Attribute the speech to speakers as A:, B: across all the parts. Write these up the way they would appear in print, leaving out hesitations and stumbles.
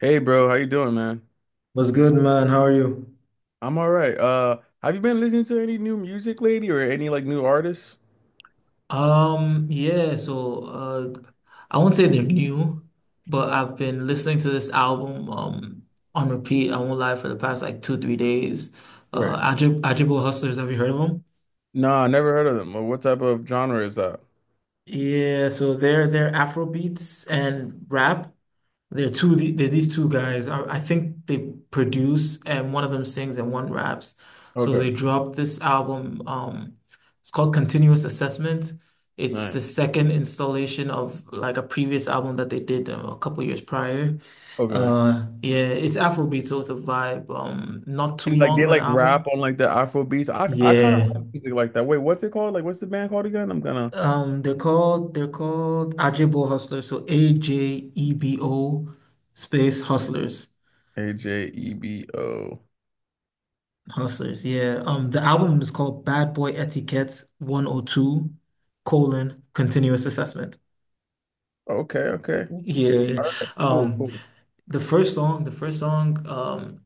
A: Hey bro, how you doing, man?
B: What's good, man? How are you?
A: I'm all right. Have you been listening to any new music lately or any like new artists?
B: Yeah, so I won't say they're new, but I've been listening to this album on repeat, I won't lie, for the past like two, 3 days.
A: Right.
B: Ajibbo Hustlers, have you heard of them?
A: Nah, I never heard of them. Well, what type of genre is that?
B: Yeah, so they're Afro beats and rap. There are these two guys. I think they produce and one of them sings and one raps. So
A: Okay.
B: they dropped this album. It's called Continuous Assessment. It's the
A: Nice.
B: second installation of like a previous album that they did a couple years prior.
A: Okay.
B: Yeah, it's Afrobeat, so it's a vibe. Not too
A: And like
B: long
A: they
B: of an
A: like
B: album.
A: rap on like the Afro beats. I kind of
B: Yeah.
A: like music like that. Wait, what's it called? Like what's the band called again? I'm gonna...
B: They're called Ajebo Hustlers, so Ajebo space Hustlers.
A: Ajebo.
B: Hustlers, yeah. The album is called Bad Boy Etiquette 102 colon continuous assessment.
A: Okay, okay.
B: Yeah. Yeah, yeah.
A: Cool,
B: Um,
A: cool.
B: the first song,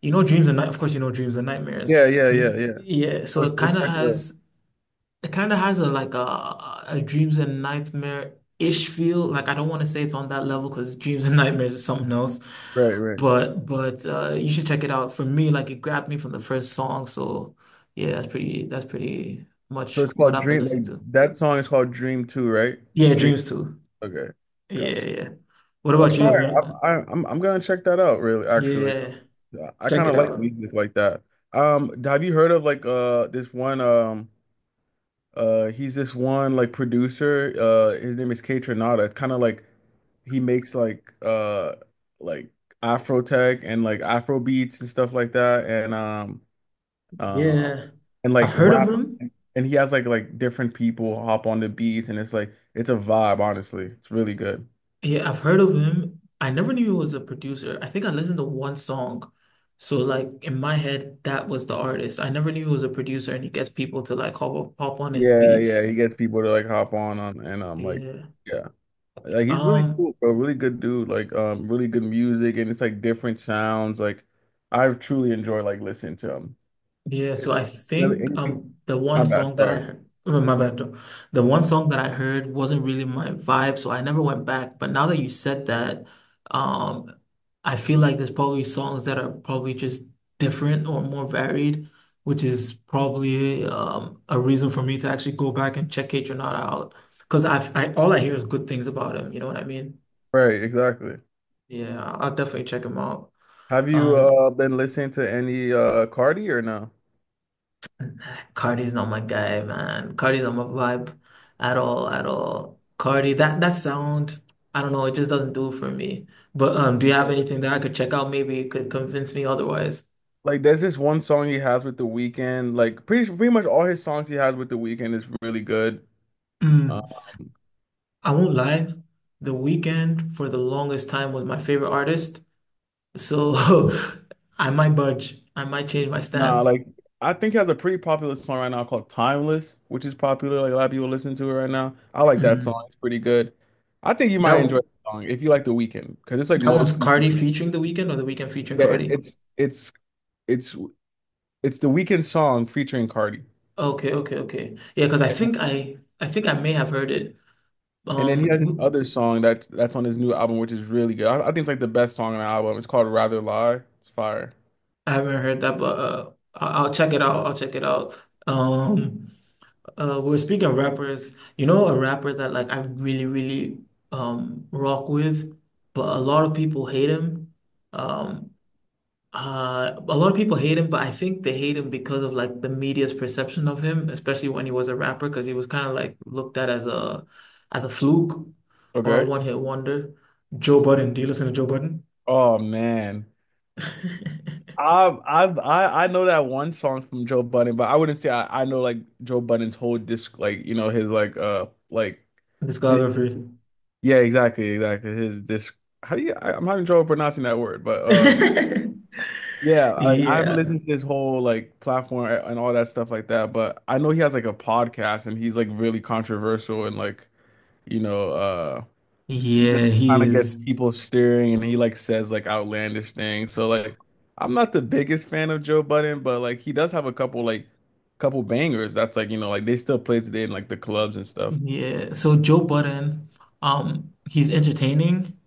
B: you know Dreams and Night, of course you know Dreams and Nightmares.
A: Yeah, yeah, yeah, yeah.
B: Yeah,
A: So
B: so
A: it's like a...
B: it kind of has a like a dreams and nightmare-ish feel. Like I don't want to say it's on that level because dreams and nightmares is something else.
A: right, right.
B: But you should check it out. For me, like it grabbed me from the first song. So yeah, that's pretty
A: So
B: much
A: it's
B: what
A: called
B: I've been
A: Dream,
B: listening
A: like
B: to.
A: that song is called Dream 2, right?
B: Yeah,
A: Dream.
B: dreams too.
A: Okay.
B: Yeah,
A: Gotcha.
B: yeah. What
A: That's
B: about you?
A: fire.
B: Have
A: I'm,
B: you-
A: I- I'm gonna check that out. Really, actually,
B: Yeah,
A: yeah, I
B: check
A: kind
B: it
A: of like
B: out.
A: music like that. Have you heard of like this one he's this one like producer, his name is K Tronada. It's kind of like he makes like Afro tech and like Afro beats and stuff like that, um
B: Yeah,
A: and like
B: I've heard of
A: rap,
B: him.
A: and he has like different people hop on the beats, and it's like it's a vibe. Honestly, it's really good.
B: Yeah, I've heard of him. I never knew he was a producer. I think I listened to one song. So like in my head, that was the artist. I never knew he was a producer and he gets people to like hop on his
A: Yeah,
B: beats.
A: yeah, he gets people to like hop on and like
B: Yeah.
A: yeah. Like he's really
B: Um,
A: cool, bro. Really good dude. Like really good music, and it's like different sounds. Like I've truly enjoyed like listening to him.
B: Yeah,
A: Is
B: so I
A: there
B: think
A: anything —
B: the one
A: my bad,
B: song that I
A: sorry.
B: heard, oh, my bad, though. The one song that I heard wasn't really my vibe, so I never went back. But now that you said that, um, I feel like there's probably songs that are probably just different or more varied, which is probably a reason for me to actually go back and check not out because I've I all I hear is good things about him. You know what I mean?
A: Right, exactly.
B: Yeah, I'll definitely check him out.
A: Have you
B: Um.
A: been listening to any Cardi or no?
B: Cardi's not my guy, man. Cardi's not my vibe at all, at all. Cardi, that that sound, I don't know, it just doesn't do it for me. But do you have
A: Yeah.
B: anything that I could check out? Maybe it could convince me otherwise.
A: Like there's this one song he has with The Weeknd. Like pretty much all his songs he has with The Weeknd is really good. Um
B: Mm, I won't lie. The Weeknd for the longest time was my favorite artist, so I might budge. I might change my
A: Nah,
B: stance.
A: like I think he has a pretty popular song right now called Timeless, which is popular. Like a lot of people listen to it right now. I like that song.
B: Mm.
A: It's pretty good. I think you might
B: That
A: enjoy the song if you like The Weeknd, because it's like
B: that one's
A: mostly...
B: Cardi featuring The Weeknd or The Weeknd featuring
A: yeah, it,
B: Cardi?
A: it's it's The Weeknd song featuring Cardi.
B: Okay, okay, okay. Yeah, because I
A: And
B: think I may have heard it.
A: and then he
B: Um,
A: has this
B: w-
A: other song that's on his new album, which is really good. I think it's like the best song on the album. It's called Rather Lie. It's fire.
B: I haven't heard that, but I'll check it out. I'll check it out. Um, we're speaking of rappers. You know, a rapper that like I really, really rock with, but a lot of people hate him. Um, a lot of people hate him, but I think they hate him because of like the media's perception of him, especially when he was a rapper, because he was kind of like looked at as a fluke or a
A: Okay.
B: one hit wonder. Joe Budden. Do you listen to Joe Budden?
A: Oh man. I know that one song from Joe Budden, but I wouldn't say I know like Joe Budden's whole disc, like you know his like di...
B: Discography.
A: yeah, exactly, exactly, his disc. How do you... I'm having trouble pronouncing that word, but yeah, like I haven't
B: Yeah,
A: listened to his whole like platform and all that stuff like that, but I know he has like a podcast, and he's like really controversial, and like you know, he just
B: yeah, he
A: kind of gets
B: is.
A: people staring, and he like says like outlandish things. So like I'm not the biggest fan of Joe Budden, but like he does have a couple like couple bangers. That's like, you know, like they still play today in like the clubs and stuff.
B: Yeah. So Joe Budden, he's entertaining,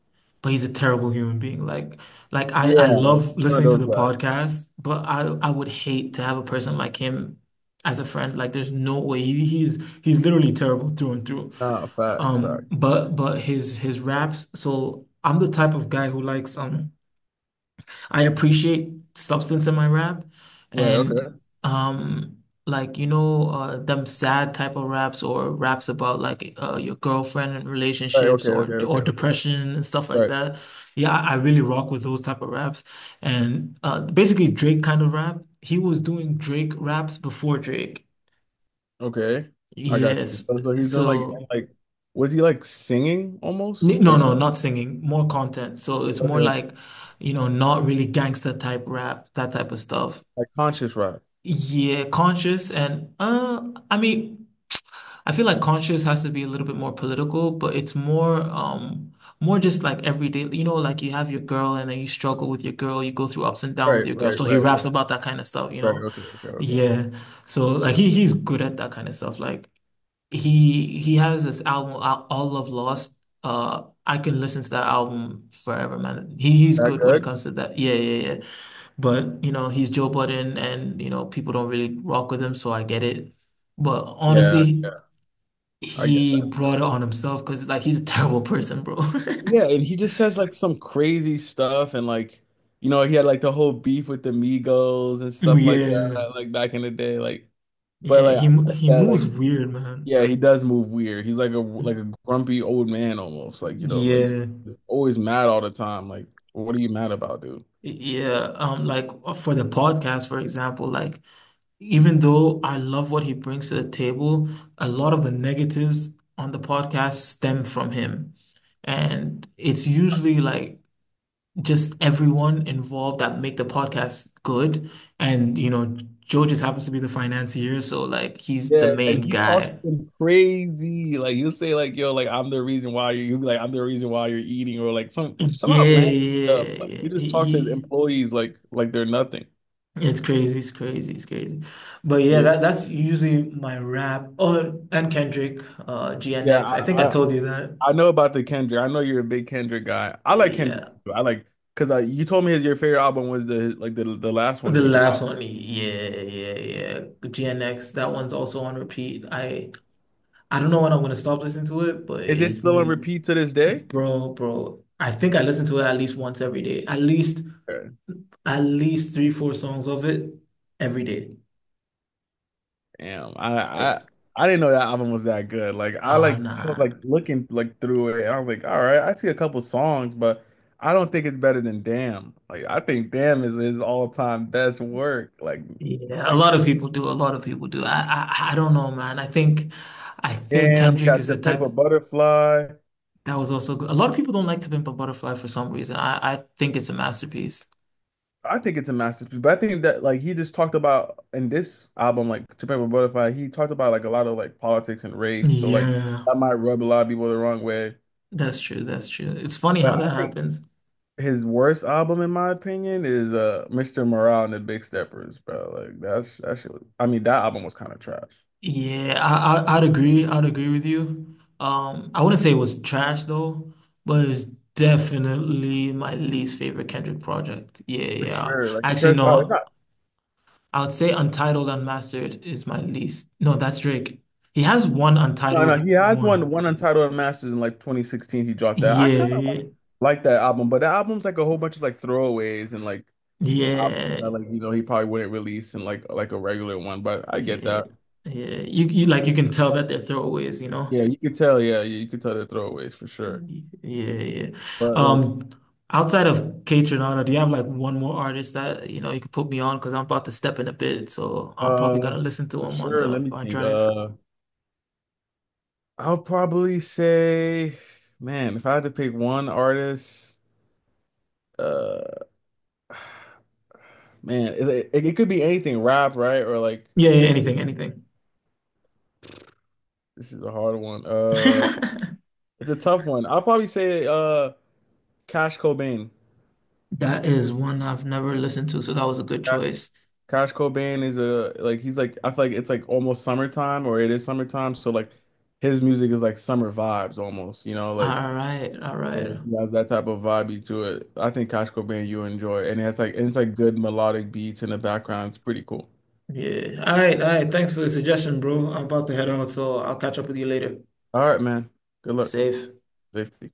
B: but he's a terrible human being. Like, I
A: Yeah, one
B: love
A: of
B: listening to
A: those
B: the
A: guys.
B: podcast, but I would hate to have a person like him as a friend. Like, there's no way he's literally terrible through and through.
A: Ah, facts,
B: Um,
A: facts,
B: but
A: facts.
B: but his raps. So I'm the type of guy who likes I appreciate substance in my rap
A: Right,
B: and
A: okay.
B: um like them sad type of raps or raps about like your girlfriend and
A: Right,
B: relationships
A: okay,
B: or
A: okay, okay, okay.
B: depression and stuff like
A: Right.
B: that. Yeah, I really rock with those type of raps. And basically Drake kind of rap. He was doing Drake raps before Drake.
A: Okay. I got you.
B: Yes.
A: So he's doing like, and,
B: So
A: like was he like singing almost
B: no,
A: or
B: no,
A: not?
B: not singing, more content. So it's more
A: Okay.
B: like, not really gangster type rap, that type of stuff.
A: Like conscious rock.
B: Yeah, conscious and I mean I feel like conscious has to be a little bit more political, but it's more just like everyday, you know, like you have your girl and then you struggle with your girl, you go through ups and downs with
A: Right,
B: your girl.
A: right,
B: So he
A: right,
B: raps
A: right.
B: about that kind of stuff, you
A: Right,
B: know.
A: okay, okay, okay.
B: Yeah. So like he's good at that kind of stuff. Like he has this album All Love Lost. I can listen to that album forever, man. He's
A: That
B: good when it
A: good?
B: comes to that. Yeah, yeah, yeah. But, you know, he's Joe Budden and, you know, people don't really rock with him, so I get it. But
A: Yeah,
B: honestly,
A: yeah. I get
B: he
A: that
B: brought
A: too.
B: it on himself because, like, he's a terrible person, bro.
A: Yeah, and he just says like some crazy stuff, and like you know, he had like the whole beef with the Migos and stuff like
B: Yeah.
A: that, like back in the day. Like, but
B: Yeah,
A: like I get
B: he
A: that,
B: moves
A: like
B: weird, man.
A: yeah, he does move weird. He's like a grumpy old man almost. Like, you know, like
B: Yeah.
A: always mad all the time. Like, what are you mad about, dude?
B: Yeah, like for the podcast, for example, like even though I love what he brings to the table, a lot of the negatives on the podcast stem from him. And it's usually like just everyone involved that make the podcast good. And you know, Joe just happens to be the financier, so like he's the
A: Yeah, and
B: main
A: he talks
B: guy.
A: some crazy. Like he'll say like, yo, like I'm the reason why you'll be like, I'm the reason why you're eating, or like some
B: Yeah,
A: outlandish stuff.
B: yeah, yeah.
A: Like he
B: Yeah.
A: just
B: He,
A: talks to his
B: he,
A: employees like they're nothing.
B: it's crazy, it's crazy, it's crazy. But yeah,
A: Yeah,
B: that's usually my rap. Oh, and Kendrick,
A: yeah,
B: GNX. I think I
A: I, I
B: told you that.
A: I know about the Kendrick. I know you're a big Kendrick guy. I like Kendrick
B: Yeah.
A: too. I like because I you told me his your favorite album was the like the last one
B: The
A: he dropped.
B: last one, yeah, yeah, yeah. GNX, that one's also on repeat. I don't know when I'm gonna stop listening to it, but
A: Is it
B: it's.
A: still on repeat to this day?
B: Bro, bro. I think I listen to it at least once every day. At least
A: Okay.
B: three, four songs of it every day.
A: Damn,
B: Uh,
A: I didn't know that album was that good.
B: Oh
A: Like I was
B: nah.
A: like looking like through it, and I was like, all right, I see a couple songs, but I don't think it's better than Damn. Like I think Damn is his all time best work. Like
B: Yeah, a
A: like
B: lot of people do. A lot of people do. I don't know, man. I think
A: Damn, he
B: Kendrick
A: got
B: is the
A: to Pimp
B: type
A: a Butterfly.
B: that was also good. A lot of people don't like To Pimp a Butterfly for some reason. I think it's a masterpiece.
A: I think it's a masterpiece, but I think that like he just talked about in this album, like To Pimp a Butterfly, he talked about like a lot of like politics and race. So like
B: Yeah,
A: that might rub a lot of people the wrong way.
B: that's true. That's true. It's funny how
A: But I
B: that
A: think
B: happens.
A: his worst album, in my opinion, is Mr. Morale and the Big Steppers, bro. Like that's that shit. I mean, that album was kind of trash
B: Yeah, I'd agree. I'd agree with you. I wouldn't say it was trash though, but it's definitely my least favorite Kendrick project. Yeah,
A: for
B: yeah.
A: sure. Like
B: Actually,
A: compared, oh, it's
B: no,
A: not.
B: I would say Untitled Unmastered is my least. No, that's Drake. He has one
A: No, no,
B: Untitled
A: he has
B: one.
A: one Untitled Masters in like 2016. He dropped that. I kind of
B: Yeah,
A: like that album, but the album's like a whole bunch of like throwaways, and like...
B: yeah,
A: not like you know he probably wouldn't release in like a regular one, but I get
B: yeah,
A: that.
B: yeah. You like you can tell that they're throwaways, you know?
A: Yeah, you could tell. Yeah, you could tell the throwaways for sure.
B: Yeah, yeah.
A: But like,
B: Um, Outside of Kate Renata, do you have like one more artist that you know you could put me on? Because I'm about to step in a bit, so I'm probably gonna
A: uh,
B: listen to
A: for
B: him on
A: sure. Let
B: the
A: me
B: on
A: think.
B: drive.
A: I'll probably say, man, if I had to pick one artist, uh, man, it could be anything, rap, right? Or like,
B: Yeah, yeah, anything, anything.
A: this is a hard one. It's a tough one. I'll probably say, Cash Cobain.
B: That is one I've never listened to, so that was a good choice.
A: Cash Cobain is a like he's like I feel like it's like almost summertime, or it is summertime, so like his music is like summer vibes almost, you know, like
B: All right, all right.
A: so he has that type of vibe to it. I think Cash Cobain you enjoy, and it's like good melodic beats in the background. It's pretty cool.
B: Yeah. All right, all right. Thanks for the suggestion, bro. I'm about to head out, so I'll catch up with you later.
A: All right, man. Good luck.
B: Safe.
A: Safety.